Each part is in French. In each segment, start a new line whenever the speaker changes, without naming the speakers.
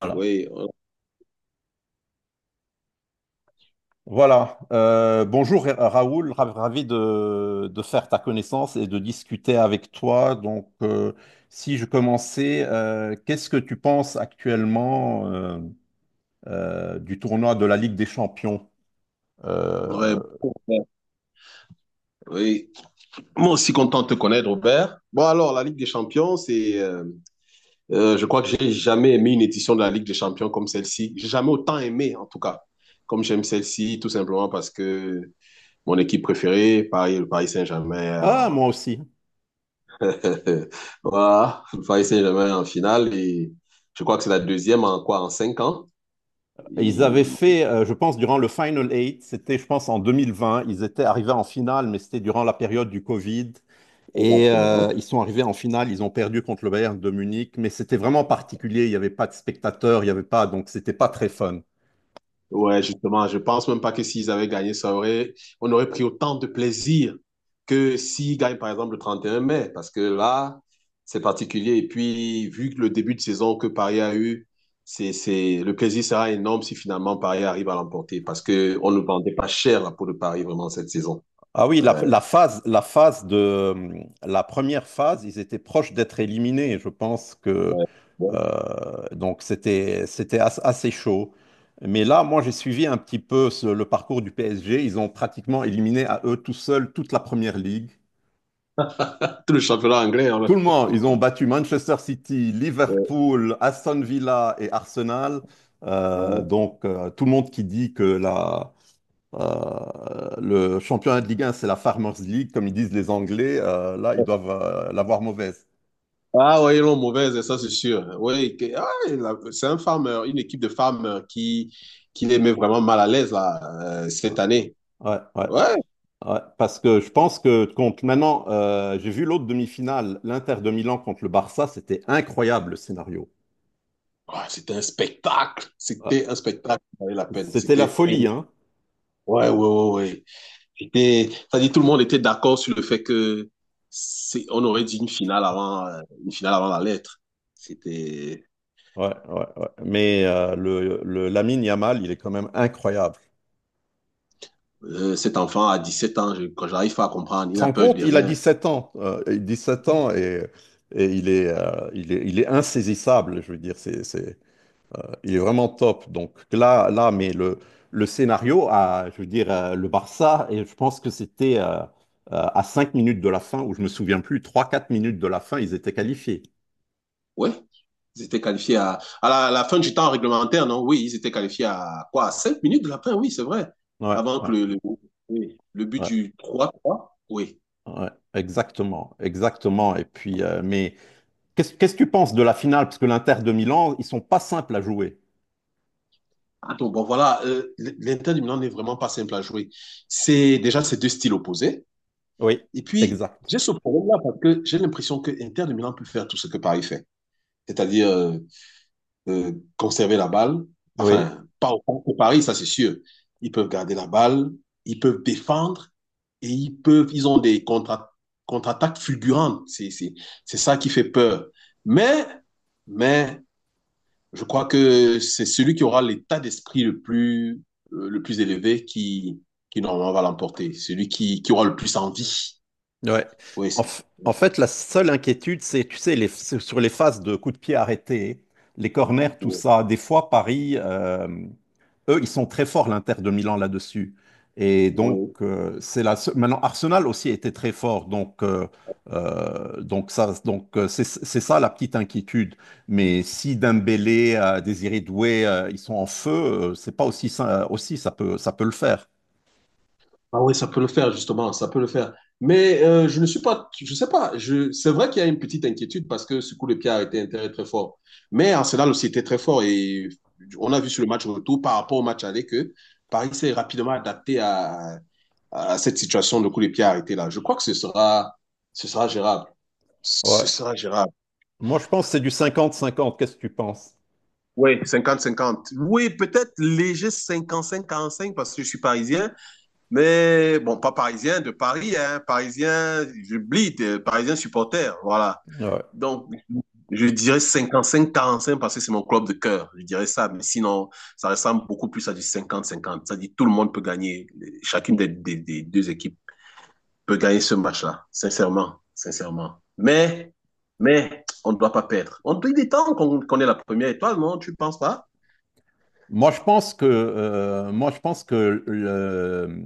Voilà.
Oui,
Voilà. Bonjour Raoul, ravi de faire ta connaissance et de discuter avec toi. Si je commençais, qu'est-ce que tu penses actuellement du tournoi de la Ligue des Champions? Euh,
ouais,
euh,
bon, oui. Moi aussi content de te connaître, Robert. Bon, alors, la Ligue des Champions, je crois que j'ai jamais aimé une édition de la Ligue des Champions comme celle-ci. J'ai jamais autant aimé, en tout cas, comme j'aime celle-ci, tout simplement parce que mon équipe préférée, Paris, le Paris Saint-Germain,
ah, moi aussi.
voilà, le Paris Saint-Germain en finale et je crois que c'est la deuxième en quoi, en 5 ans.
Ils avaient
Et-
fait, je pense, durant le Final Eight, c'était, je pense, en 2020. Ils étaient arrivés en finale, mais c'était durant la période du Covid. Et
Exactement.
ils sont arrivés en finale, ils ont perdu contre le Bayern de Munich, mais c'était vraiment particulier. Il n'y avait pas de spectateurs, il n'y avait pas, donc c'était pas très fun.
Ouais, justement, je pense même pas que s'ils avaient gagné, on aurait pris autant de plaisir que s'ils gagnent, par exemple, le 31 mai, parce que là, c'est particulier. Et puis, vu que le début de saison que Paris a eu, le plaisir sera énorme si finalement Paris arrive à l'emporter, parce que on ne vendait pas cher la peau de Paris vraiment cette saison.
Ah oui,
Ouais,
la phase de la première phase, ils étaient proches d'être éliminés. Je pense que
ouais. Bon.
donc c'était assez chaud. Mais là, moi, j'ai suivi un petit peu le parcours du PSG. Ils ont pratiquement éliminé à eux tout seuls toute la première ligue.
Tout le championnat anglais, hein, là.
Tout le monde, ils ont battu Manchester City,
Ouais,
Liverpool, Aston Villa et Arsenal.
ouais.
Tout le monde qui dit que la le championnat de Ligue un, c'est la Farmers League, comme ils disent les Anglais. Là, ils doivent l'avoir mauvaise.
Ah oui, ils l'ont mauvaise, ça c'est sûr. Oui, ah, c'est un farmer, une équipe de femmes qui les met vraiment mal à l'aise là, cette année.
Ouais, ouais,
Ouais.
ouais. Parce que je pense que contre maintenant, j'ai vu l'autre demi-finale, l'Inter de Milan contre le Barça, c'était incroyable le scénario.
Ah, c'était un spectacle.
Ouais.
C'était un spectacle qui valait la peine.
C'était la
C'était.
folie, hein.
Ouais, ouais, ouais, ouais. C'était. Ça dit, tout le monde était d'accord sur le fait que on aurait dit une finale une finale avant la lettre. C'était.
Ouais, ouais, ouais. Mais le Lamine Yamal, il est quand même incroyable.
Cet enfant à 17 ans, quand j'arrive pas à comprendre, il
Tu te
n'a
rends
peur
compte,
de
il a
rien.
17 ans, et 17 ans et il est, il est insaisissable. Je veux dire, c'est- Il est vraiment top. Donc mais le scénario, je veux dire, le Barça, et je pense que c'était à 5 minutes de la fin, ou je me souviens plus, 3 ou 4 minutes de la fin, ils étaient qualifiés.
Ouais, ils étaient qualifiés à la fin du temps réglementaire, non? Oui, ils étaient qualifiés à quoi? À 5 minutes de la fin, oui, c'est vrai.
Ouais,
Avant
ouais,
que oui, le but
ouais,
du 3-3, oui.
ouais, exactement, exactement. Et puis, mais qu'est-ce que tu penses de la finale? Parce que l'Inter de Milan, ils sont pas simples à jouer.
Ah, donc, bon, voilà, l'Inter du Milan n'est vraiment pas simple à jouer. C'est déjà ces deux styles opposés.
Oui,
Et puis,
exact.
j'ai ce problème-là parce que j'ai l'impression que Inter de Milan peut faire tout ce que Paris fait. C'est-à-dire conserver la balle.
Oui.
Enfin, pas au Paris, ça c'est sûr. Ils peuvent garder la balle, ils peuvent défendre et ils ont des contre-attaques contre fulgurantes. C'est ça qui fait peur. Mais, mais, je crois que c'est celui qui aura l'état d'esprit le plus élevé qui normalement va l'emporter. Celui qui aura le plus envie.
Ouais.
Oui, c'est.
En fait, la seule inquiétude, c'est, tu sais, sur les phases de coups de pied arrêtés, les corners, tout ça. Des fois, Paris, eux, ils sont très forts, l'Inter de Milan, là-dessus. Et donc,
Oui.
c'est la seule- Maintenant, Arsenal aussi était très fort. Donc c'est ça la petite inquiétude. Mais si Dembélé, Désiré Doué, ils sont en feu, c'est pas aussi, aussi ça peut le faire.
Ah oui, ça peut le faire, justement, ça peut le faire. Mais je ne suis pas, je sais pas, c'est vrai qu'il y a une petite inquiétude parce que ce coup de pied a été intérêt très fort. Mais Arsenal aussi était très fort et on a vu sur le match retour par rapport au match aller que Paris s'est rapidement adapté à cette situation de coup de pied arrêté là. Je crois que ce sera gérable. Ce
Ouais.
sera gérable.
Moi, je pense que c'est du cinquante-cinquante. Qu'est-ce que tu penses?
Oui, 50-50. Oui, peut-être léger 55 cinq parce que je suis parisien. Mais bon, pas parisien, de Paris, hein, parisien, j'oublie, parisien supporter, voilà.
Ouais.
Donc, je dirais 55-45 parce que c'est mon club de cœur, je dirais ça. Mais sinon, ça ressemble beaucoup plus à du 50-50. Ça dit tout le monde peut gagner, chacune des deux équipes peut gagner ce match-là, sincèrement, sincèrement. On ne doit pas perdre. On peut des temps qu'on qu est la première étoile, non? Tu ne penses pas?
Moi, je pense que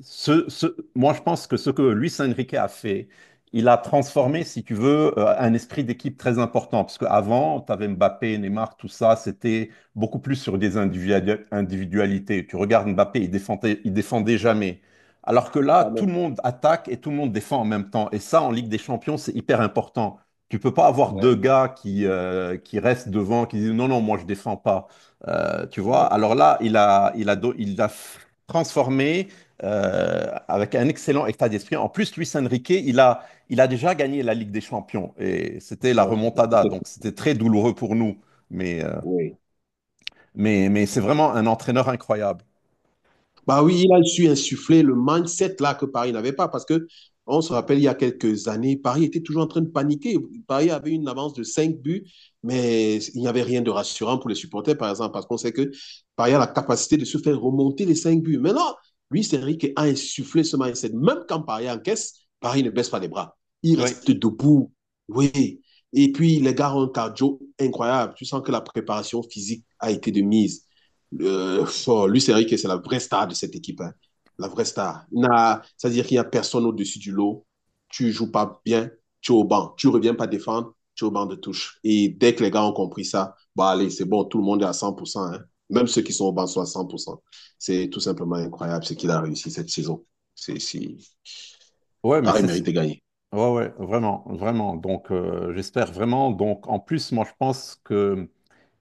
ce, ce- moi, je pense que ce que Luis Enrique a fait, il a transformé, si tu veux, un esprit d'équipe très important. Parce qu'avant, tu avais Mbappé, Neymar, tout ça, c'était beaucoup plus sur des individualités. Tu regardes Mbappé, il défendait jamais. Alors que là, tout le
Pardon.
monde attaque et tout le monde défend en même temps. Et ça, en Ligue des Champions, c'est hyper important. Tu peux pas avoir deux
Ouais,
gars qui restent devant, qui disent non, non, moi, je défends pas. Euh, tu vois,
ouais,
alors là, il a transformé avec un excellent état d'esprit. En plus, Luis Enrique, il a déjà gagné la Ligue des Champions et c'était la
ouais,
remontada, donc c'était très douloureux pour nous. Mais, euh,
oui.
mais c'est vraiment un entraîneur incroyable.
Bah oui, il a su insuffler le mindset là que Paris n'avait pas parce que on se rappelle il y a quelques années, Paris était toujours en train de paniquer. Paris avait une avance de 5 buts, mais il n'y avait rien de rassurant pour les supporters par exemple parce qu'on sait que Paris a la capacité de se faire remonter les 5 buts. Maintenant, Luis Enrique a insufflé ce mindset. Même quand Paris encaisse, Paris ne baisse pas les bras. Il
Oui,
reste debout. Oui. Et puis les gars ont un cardio incroyable. Tu sens que la préparation physique a été de mise. Oh, Luis Enrique, c'est la vraie star de cette équipe. Hein. La vraie star. Il n'a- C'est-à-dire qu'il n'y a personne au-dessus du lot. Tu joues pas bien, tu es au banc. Tu reviens pas défendre, tu es au banc de touche. Et dès que les gars ont compris ça, bah allez, c'est bon, tout le monde est à 100%. Hein. Même ceux qui sont au banc sont à 100%. C'est tout simplement incroyable ce qu'il a réussi cette saison. C'est, c'est...
ouais, mais
Paris mérite de gagner.
ouais, ouais, vraiment, vraiment. Donc, j'espère vraiment. Donc, en plus, moi, je pense que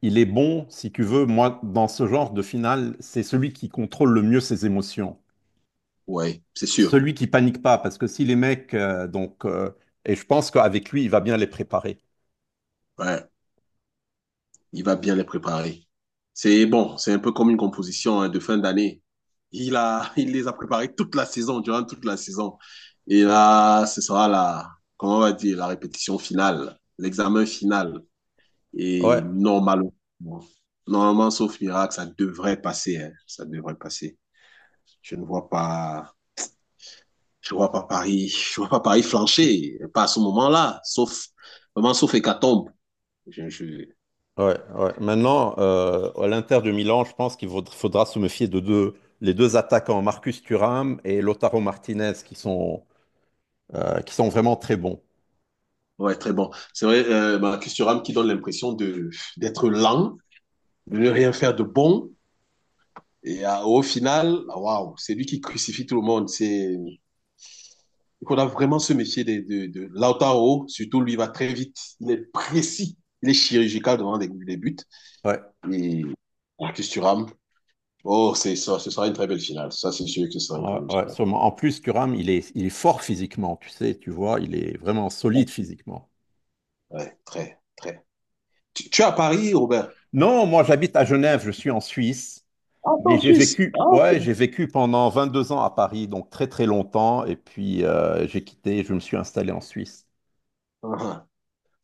il est bon, si tu veux, moi, dans ce genre de finale, c'est celui qui contrôle le mieux ses émotions.
Ouais, c'est sûr.
Celui qui panique pas, parce que si les mecs, et je pense qu'avec lui, il va bien les préparer.
Ouais, il va bien les préparer. C'est bon, c'est un peu comme une composition hein, de fin d'année. Il les a préparés toute la saison, durant toute la saison. Et là, ce sera la, comment on va dire, la répétition finale, l'examen final.
Ouais,
Et normalement, normalement, sauf miracle, ça devrait passer. Hein, ça devrait passer. Je ne vois pas, je vois pas Paris, je vois pas Paris flancher, pas à ce moment-là, sauf, vraiment, sauf hécatombe. Je, je,
ouais, ouais. Maintenant, à l'Inter de Milan, je pense faudra se méfier de deux, les deux attaquants, Marcus Thuram et Lautaro Martinez, qui sont vraiment très bons.
ouais, très bon. C'est vrai, Marcus Thuram qui donne l'impression d'être lent, de ne rien faire de bon. Et au final, waouh, c'est lui qui crucifie tout le monde. C'est qu'on a vraiment se méfier de Lautaro. Surtout, lui va très vite. Il est précis. Il est chirurgical devant les buts.
Ouais,
Et Marcus Thuram, oh, c'est ça, ce sera une très belle finale. Ça, c'est sûr que ce sera une très
ouais,
belle
ouais,
finale.
sûrement. En plus, Thuram, il est fort physiquement, tu sais, tu vois, il est vraiment solide physiquement.
Ouais, très, très. Tu es à Paris, Robert?
Non, moi, j'habite à Genève, je suis en Suisse.
Ah, t'es
Mais
en
j'ai
Suisse.
vécu,
Ah,
ouais,
ok.
j'ai vécu pendant 22 ans à Paris, donc très très longtemps, et puis j'ai quitté, je me suis installé en Suisse.
Ah,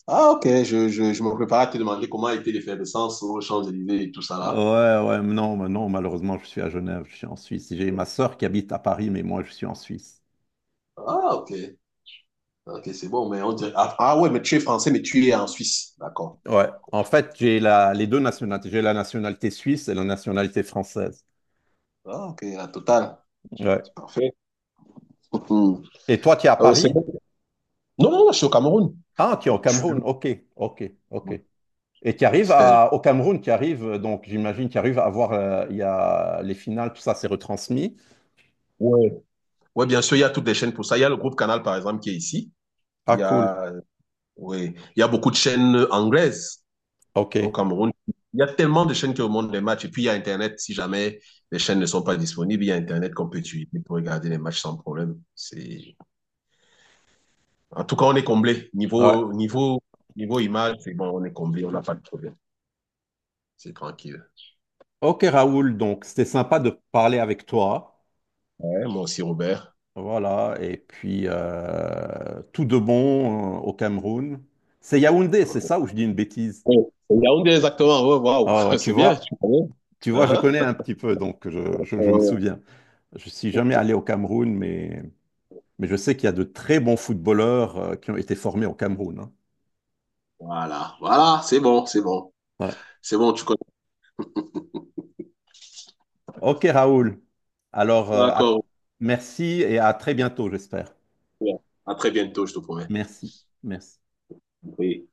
ah, ok. Je me prépare à te demander comment était l'effervescence aux Champs-Élysées et tout ça
Ouais,
là.
ouais, non, mais non, malheureusement, je suis à Genève, je suis en Suisse. J'ai ma sœur qui habite à Paris, mais moi, je suis en Suisse.
Ah, ok. Ok, c'est bon, mais on dirait. Ah, ah ouais, mais tu es français, mais tu es en Suisse. D'accord.
Ouais, en fait, j'ai les deux nationalités. J'ai la nationalité suisse et la nationalité française.
Ah, ok, la totale.
Ouais.
C'est parfait. Mhm.
Et toi, tu es à
Ah ouais, c'est
Paris?
bon. Non, non, non, je suis au Cameroun.
Ah, tu es
Je
au
suis... du-
Cameroun. OK, OK, OK. Et tu arrives
Euh,
à, au Cameroun, tu arrives, donc j'imagine, tu arrives à voir, il y a les finales, tout ça, c'est retransmis.
Ouais. Ouais, bien sûr, il y a toutes les chaînes pour ça. Il y a le groupe Canal, par exemple, qui est ici.
Ah,
Il y
cool.
a, ouais, il y a beaucoup de chaînes anglaises
Ok,
au Cameroun. Il y a tellement de chaînes qui remontent les matchs. Et puis, il y a Internet. Si jamais les chaînes ne sont pas disponibles, il y a Internet qu'on peut utiliser pour regarder les matchs sans problème. C'est En tout cas, on est comblé.
ouais.
Niveau image, c'est bon, on est comblé, on n'a pas de problème. C'est tranquille.
Ok Raoul, donc c'était sympa de parler avec toi.
Ouais, moi aussi, Robert.
Voilà, et puis tout de bon au Cameroun. C'est Yaoundé, c'est ça ou je dis une bêtise?
Oh, Yaoundé, exactement. Ouais, waouh,
Ah ouais,
c'est bien. Tu connais.
tu vois, je
Uh-huh.
connais un petit peu, donc je me
Oh.
souviens. Je suis jamais allé au Cameroun, mais je sais qu'il y a de très bons footballeurs qui ont été formés au Cameroun, hein.
Voilà, voilà, c'est bon, c'est bon.
Ouais.
C'est bon, tu connais.
Ok Raoul, alors euh, à-
D'accord.
merci et à très bientôt, j'espère.
À très bientôt, je te promets.
Merci, merci.
Oui.